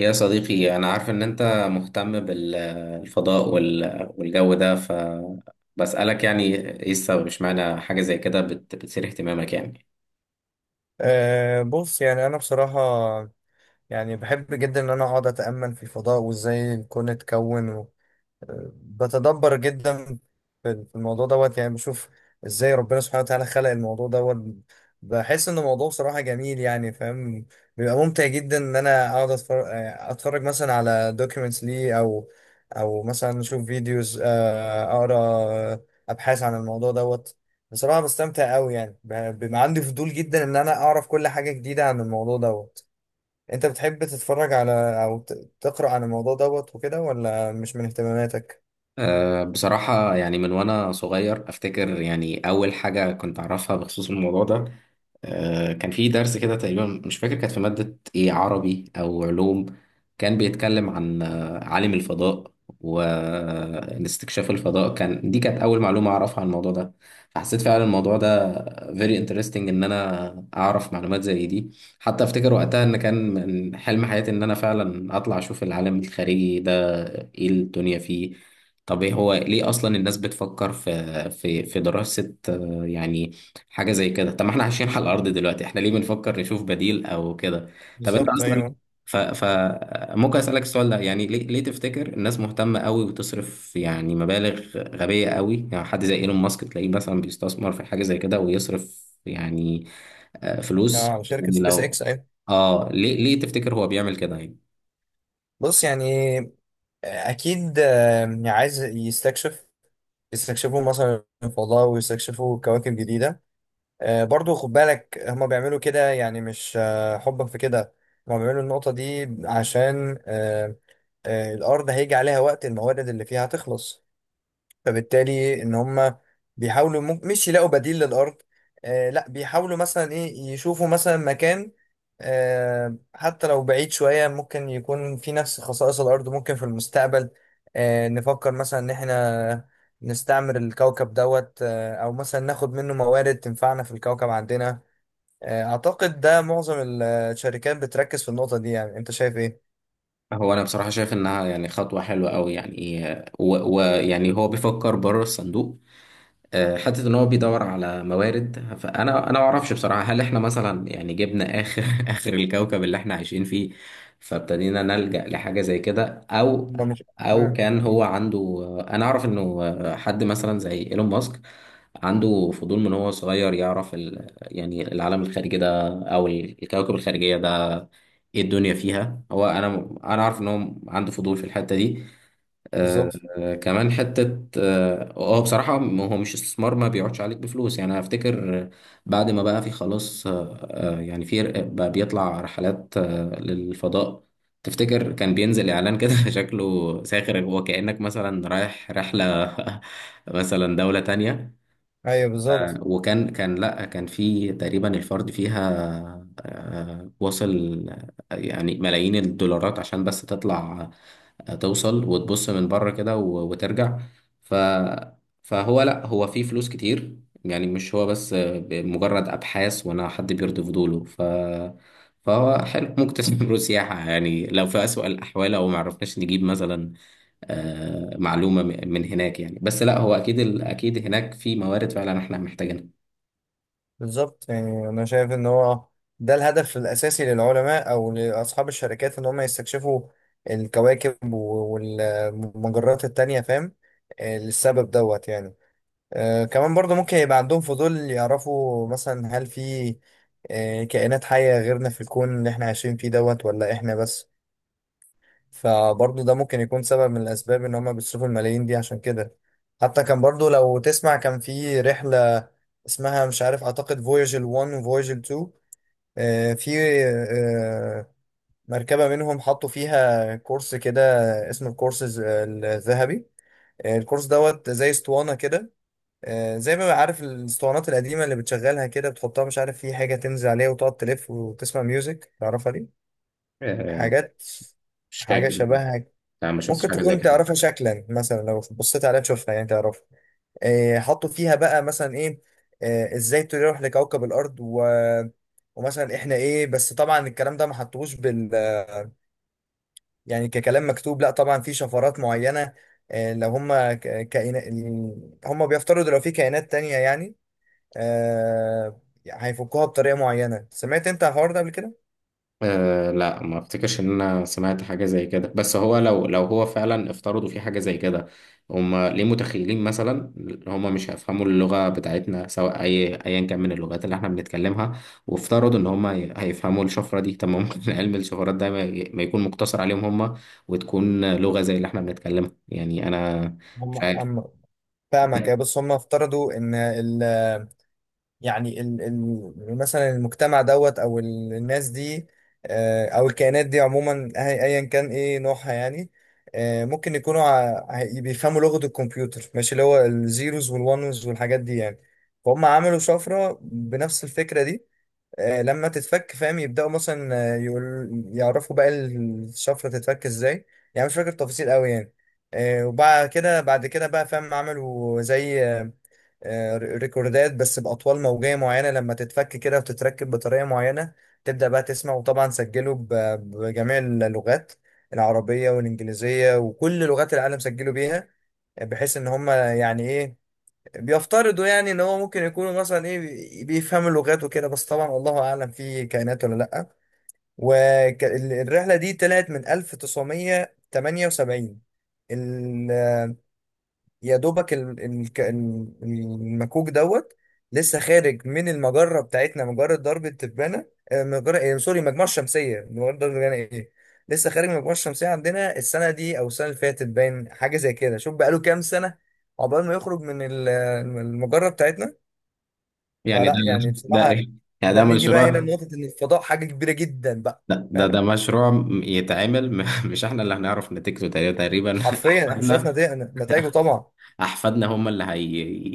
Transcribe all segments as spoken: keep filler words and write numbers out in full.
يا صديقي أنا عارف إن أنت مهتم بالفضاء والجو ده، فبسألك يعني إيه السبب؟ إشمعنى حاجة زي كده بت- بتثير اهتمامك يعني؟ أه، بص. يعني أنا بصراحة، يعني بحب جدا إن أنا أقعد أتأمل في الفضاء وإزاي الكون اتكون. بتدبر جدا في في الموضوع دوت. يعني بشوف ازاي ربنا سبحانه وتعالى خلق الموضوع دوت. بحس ان الموضوع صراحة جميل، يعني فاهم. بيبقى ممتع جدا ان انا اقعد اتفرج اتفرج مثلا على دوكيومنتس ليه، او او مثلا اشوف فيديوز، اقرا ابحاث عن الموضوع دوت. بصراحة بستمتع قوي، يعني ب- بيبقى عندي فضول جدا ان انا اعرف كل حاجة جديدة عن الموضوع دوت. انت بتحب تتفرج على او ت- تقرأ عن الموضوع دوت وكده ولا مش من اهتماماتك؟ أه بصراحة يعني من وأنا صغير أفتكر، يعني أول حاجة كنت أعرفها بخصوص الموضوع ده، آه، كان في درس كده تقريبا، مش فاكر كانت في مادة ايه، عربي او علوم. كان بيتكلم عن آه، عالم الفضاء واستكشاف الفضاء. كان دي كانت اول معلومة اعرفها عن الموضوع ده. فحسيت فعلا الموضوع ده very interesting، ان انا اعرف معلومات زي دي. حتى افتكر وقتها ان كان من حلم حياتي ان انا فعلا اطلع اشوف العالم الخارجي ده، ايه الدنيا فيه. طب ايه هو ليه اصلا الناس بتفكر في في في دراسة آه، يعني حاجة زي كده؟ طب ما احنا عايشين على الأرض دلوقتي، احنا ليه بنفكر نشوف بديل أو كده؟ طب انت بالظبط أصلا ايوه. ف... ف ممكن أسألك السؤال ده؟ يعني ليه ليه تفتكر الناس مهتمة قوي وتصرف يعني مبالغ غبية قوي؟ يعني حد زي إيلون ماسك تلاقيه مثلا بيستثمر في حاجة زي كده ويصرف يعني آه، فلوس، اه، شركه يعني سبيس لو اكس، ايوه. اه ليه ليه تفتكر هو بيعمل كده يعني؟ بص يعني آه، اكيد. آه، عايز يستكشف يستكشفوا مثلا الفضاء ويستكشفوا كواكب جديده. آه، برضو خد بالك هما بيعملوا كده، يعني مش آه، حبا في كده. هما بيعملوا النقطه دي عشان آه، آه، الارض هيجي عليها وقت الموارد اللي فيها هتخلص. فبالتالي ان هم بيحاولوا مم- مش يلاقوا بديل للارض. آه لا، بيحاولوا مثلا ايه يشوفوا مثلا مكان، آه حتى لو بعيد شوية ممكن يكون في نفس خصائص الارض. ممكن في المستقبل آه نفكر مثلا ان احنا نستعمر الكوكب دوت، آه او مثلا ناخد منه موارد تنفعنا في الكوكب عندنا. آه اعتقد ده معظم الشركات بتركز في النقطة دي. يعني انت شايف ايه؟ هو انا بصراحه شايف انها يعني خطوه حلوه قوي، يعني ويعني و... و- يعني هو بيفكر بره الصندوق. آه، حته ان هو بيدور على موارد، فانا انا ما اعرفش بصراحه، هل احنا مثلا يعني جبنا اخر اخر الكوكب اللي احنا عايشين فيه فابتدينا نلجأ لحاجه زي كده، او ما مش. او مم. كان هو عنده. انا اعرف انه حد مثلا زي ايلون ماسك عنده فضول من هو صغير، يعرف ال... يعني العالم الخارجي ده او الكوكب الخارجيه ده، ايه الدنيا فيها. هو انا انا عارف ان هو عنده فضول في الحته دي. آه، بالظبط آه، كمان حتة اه، آه، بصراحة م- هو مش استثمار، ما بيقعدش عليك بفلوس. يعني أنا افتكر آه، بعد ما بقى في خلاص، آه، آه، يعني في ر- بقى بيطلع رحلات آه، للفضاء. تفتكر كان بينزل اعلان كده شكله ساخر، هو كأنك مثلا رايح رحلة مثلا دولة تانية. ايوه. آه، بالظبط وكان كان لا كان في تقريبا الفرد فيها آه، وصل آه، يعني ملايين الدولارات عشان بس تطلع، آه، توصل وتبص من بره كده و- وترجع. ف فهو لا، هو فيه فلوس كتير، يعني مش هو بس آه، مجرد ابحاث وانا حد بيرضي فضوله. ف فهو حلو ممكن تستثمره سياحة، يعني لو في أسوأ الأحوال، أو معرفناش نجيب مثلا آه، معلومة م- من هناك. يعني بس لا، هو أكيد ال- أكيد هناك في موارد فعلا إحنا محتاجينها. بالظبط يعني انا شايف ان هو ده الهدف الاساسي للعلماء او لاصحاب الشركات ان هم يستكشفوا الكواكب و- والمجرات التانية، فاهم. آه، للسبب دوت. يعني آه كمان برضه ممكن يبقى عندهم فضول يعرفوا مثلا هل في آه كائنات حية غيرنا في الكون اللي احنا عايشين فيه دوت ولا احنا بس. فبرضه ده ممكن يكون سبب من الأسباب إن هما بيصرفوا الملايين دي عشان كده. حتى كان برضه لو تسمع، كان في رحلة اسمها مش عارف، أعتقد فوياجل واحد وفوياجل الثاني. آه، في آه، مركبة منهم حطوا فيها كورس كده اسمه الكورس الذهبي. آه، الكورس دوت زي اسطوانة كده. آه، زي ما عارف الاسطوانات القديمة اللي بتشغلها كده، بتحطها مش عارف في حاجة تنزل عليها وتقعد تلف وتسمع ميوزك تعرفها دي آه، حاجات مش حاجة فاكر. شبهها. لا، ما شفتش ممكن حاجة زي تكون كده. تعرفها شكلا، مثلا لو بصيت عليها تشوفها يعني تعرفها. إيه حطوا فيها بقى مثلا ايه. إيه ازاي تروح لكوكب الارض و... ومثلا احنا ايه. بس طبعا الكلام ده ما حطوش بال، يعني ككلام مكتوب. لا طبعا في شفرات معينة. إيه لو هم ك... كائنات، هم بيفترضوا لو في كائنات تانية يعني آه... هيفكوها بطريقة معينة. سمعت انت الحوار ده قبل كده؟ أه لا، ما افتكرش ان انا سمعت حاجه زي كده، بس هو لو لو هو فعلا افترضوا في حاجه زي كده، هم ليه متخيلين مثلا هم مش هيفهموا اللغه بتاعتنا، سواء اي ايا كان من اللغات اللي احنا بنتكلمها، وافترضوا ان هم هي- هيفهموا الشفره دي؟ طب ما ممكن علم الشفرات ده ما ي- ما يكون مقتصر عليهم هم، وتكون لغه زي اللي احنا بنتكلمها. يعني انا هم مش عارف. هم فاهمك، بس هم افترضوا ان ال... يعني ال ال مثلا المجتمع دوت او ال- الناس دي، آه، او الكائنات دي عموما أه- ايا كان ايه نوعها يعني. آه، ممكن يكونوا ع- ع- بيفهموا لغة الكمبيوتر، ماشي، اللي هو الزيروز والونز والحاجات دي يعني. فهم عملوا شفرة بنفس الفكرة دي. آه، لما تتفك فاهم، يبدأوا مثلا آه، يقول يعرفوا بقى الشفرة تتفك ازاي. يعني مش فاكر التفاصيل قوي يعني. آه، وبعد كده بعد كده بقى فاهم عملوا زي آه، آه، ريكوردات بس بأطوال موجية معينة، لما تتفك كده وتتركب بطريقة معينة تبدأ بقى تسمع. وطبعا سجله ب- بجميع اللغات، العربية والإنجليزية وكل لغات العالم سجلوا بيها، بحيث إن هم يعني إيه بيفترضوا يعني إن هو ممكن يكونوا مثلا إيه بي- بيفهموا اللغات وكده. بس طبعا الله أعلم في كائنات ولا لأ. والرحلة دي طلعت من ألف وتسعمية وتمانية وسبعين. يا دوبك ال- ال- ك- ال- المكوك دوت لسه خارج من المجرة بتاعتنا، مجرة درب التبانة. آه، مجرة إيه سوري، مجموعة الشمسية، مجرة درب التبانة إيه. لسه خارج من المجموعة الشمسية عندنا السنة دي أو السنة اللي فاتت، باين حاجة زي كده. شوف بقاله كام سنة عقبال ما يخرج من ال- المجرة بتاعتنا. يعني ده فلا يعني ده بصراحة، إيه؟ يعني ده ده نيجي بقى هنا مشروع. لنقطة إن الفضاء حاجة كبيرة جدا بقى، لا ده ده فاهم. مشروع م- يتعمل م- مش احنا اللي هنعرف نتيجته، تقريبا تقريبا حرفيا إحنا مش عارف احفادنا. نتائج- نتائجه طبعا. احفادنا هم اللي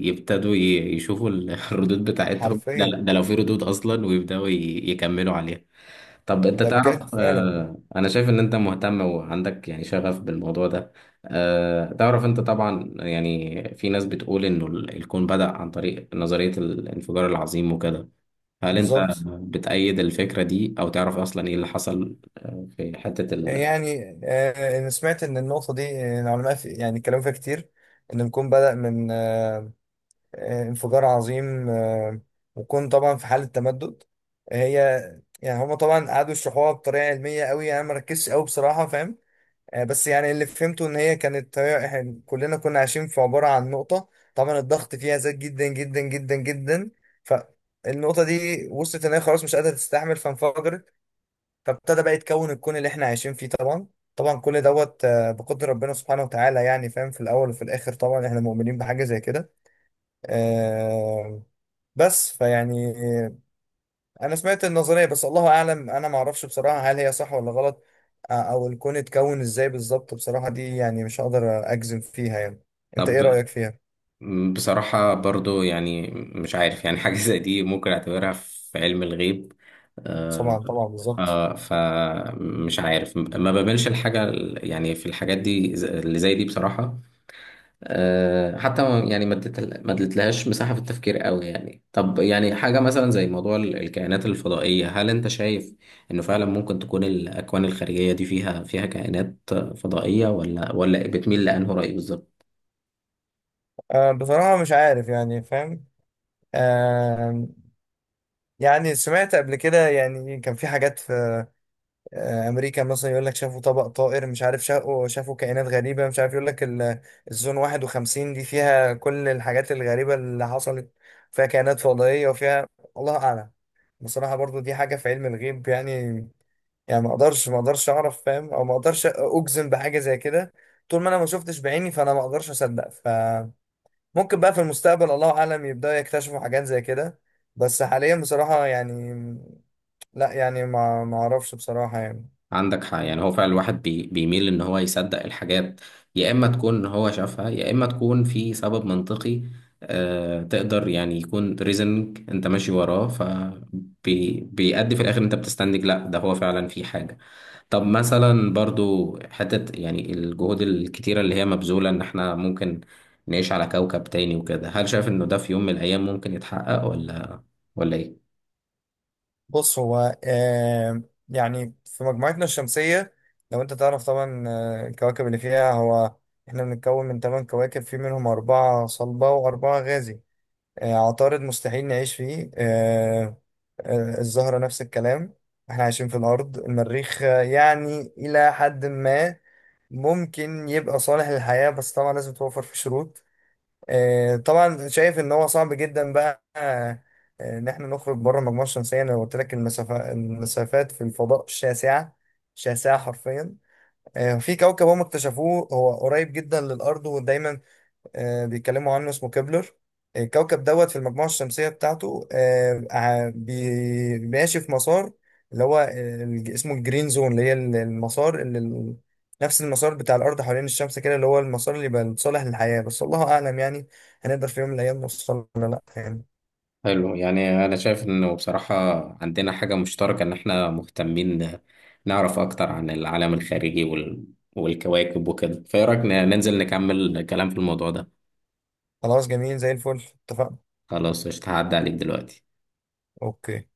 هيبتدوا يشوفوا ال- الردود بتاعتهم، ده, حرفيا. ده لو في ردود اصلا، ويبداوا ي- يكملوا عليها. طب انت ده تعرف، بجد فعلا. آه، انا شايف ان انت مهتم وعندك يعني شغف بالموضوع ده. آه، تعرف انت طبعا، يعني في ناس بتقول انه ال- الكون بدأ عن طريق نظرية الانفجار العظيم وكده. هل انت بالظبط بتأيد الفكرة دي، او تعرف اصلا ايه اللي حصل آه، في حتة ال... يعني. آه، أنا سمعت إن النقطة دي آه، العلماء في يعني كلام فيها كتير. إن الكون بدأ من آه، آه، انفجار عظيم آه، وكون طبعا في حالة تمدد هي. يعني هما طبعا قعدوا يشرحوها بطريقة علمية قوي، أنا مركزش قوي بصراحة، فاهم. آه، بس يعني اللي فهمته إن هي كانت هي- إحنا كلنا كنا عايشين في عبارة عن نقطة. طبعا الضغط فيها زاد جدا جدا جدا جدا، فالنقطة دي وصلت إن هي خلاص مش قادرة تستحمل فانفجرت، فابتدى بقى يتكون الكون اللي احنا عايشين فيه طبعا. طبعا كل دوت آه، بقدر ربنا سبحانه وتعالى، يعني فاهم، في الاول وفي الاخر طبعا احنا مؤمنين بحاجه زي كده. آه، بس فيعني آه، انا سمعت النظريه بس الله اعلم. انا ما اعرفش بصراحه هل هي صح ولا غلط آه، او الكون اتكون ازاي بالظبط، بصراحه دي يعني مش هقدر اجزم فيها يعني. انت طب ايه رايك فيها؟ م، بصراحة برضو يعني مش عارف، يعني حاجة زي دي ممكن اعتبرها في علم الغيب. آه طبعا طبعا بالظبط. آه فمش عارف، ما بملش الحاجة ال- يعني في الحاجات دي ز- اللي زي دي بصراحة. آه، حتى ما- يعني ما اديت- ما اديتلهاش مساحة في التفكير قوي. يعني طب، يعني حاجة مثلا زي موضوع ال- الكائنات الفضائية، هل انت شايف انه فعلا ممكن تكون الأكوان الخارجية دي فيها فيها كائنات فضائية، ولا ولا بتميل لأنه رأي بالظبط؟ آه، بصراحه مش عارف يعني فاهم. آه، يعني سمعت قبل كده يعني كان في حاجات في آه، امريكا مثلا يقول لك شافوا طبق طائر مش عارف، شافوا شافوا كائنات غريبه، مش عارف يقول لك ال- الزون واحد وخمسين دي فيها كل الحاجات الغريبه اللي حصلت، فيها كائنات فضائيه وفيها الله اعلم. بصراحه برضو دي حاجه في علم الغيب يعني. يعني ما اقدرش ما اقدرش اعرف فاهم، او ما اقدرش اجزم بحاجه زي كده. طول ما انا ما شفتش بعيني فانا ما اقدرش اصدق. فممكن بقى في المستقبل الله اعلم يبداوا يكتشفوا حاجات زي كده. بس حاليا بصراحه يعني لا يعني ما ما اعرفش بصراحه يعني. عندك حق. يعني هو فعلا الواحد بي بيميل ان هو يصدق الحاجات، يا اما تكون هو شافها، يا اما تكون في سبب منطقي. آه، تقدر يعني يكون ريزنج انت ماشي وراه، فبيأدي في الاخر انت بتستنتج لا، ده هو فعلا في حاجة. طب مثلا برضو حتة، يعني الجهود الكتيرة اللي هي مبذولة ان احنا ممكن نعيش على كوكب تاني وكده، هل شايف انه ده في يوم من الايام ممكن يتحقق، ولا ولا ايه؟ بص هو آه يعني في مجموعتنا الشمسية، لو انت تعرف طبعا آه، الكواكب اللي فيها. هو احنا بنتكون من ثمان كواكب، في منهم أربعة صلبة وأربعة غازي. آه عطارد مستحيل نعيش فيه. آه آه الزهرة نفس الكلام. احنا عايشين في الأرض. المريخ آه، يعني إلى حد ما ممكن يبقى صالح للحياة، بس طبعا لازم توفر فيه شروط. آه، طبعا شايف ان هو صعب جدا بقى آه، ان احنا نخرج بره المجموعه الشمسيه. انا قلت لك المسافه المسافات في الفضاء شاسعه شاسعه حرفيا. آه، في كوكب هم اكتشفوه هو قريب جدا للارض، ودايما آه، بيتكلموا عنه اسمه كبلر. الكوكب دوت في المجموعة الشمسية بتاعته آه، ع- بي- ماشي في مسار اللي هو آه، الج- اسمه الجرين زون اللي هي ال- المسار اللي ال- نفس المسار بتاع الأرض حوالين الشمس كده، اللي هو المسار اللي يبقى صالح للحياة. بس الله أعلم يعني هنقدر في يوم من الأيام نوصل ولا لأ يعني. حلو. يعني انا شايف انه بصراحة عندنا حاجة مشتركة ان احنا مهتمين نعرف اكتر عن العالم الخارجي وال... والكواكب وكده. فايه رأيك ن- ننزل نكمل كلام في الموضوع ده؟ خلاص جميل زي الفل، اتفقنا. خلاص قشطة، هعدي عليك دلوقتي. أوكي.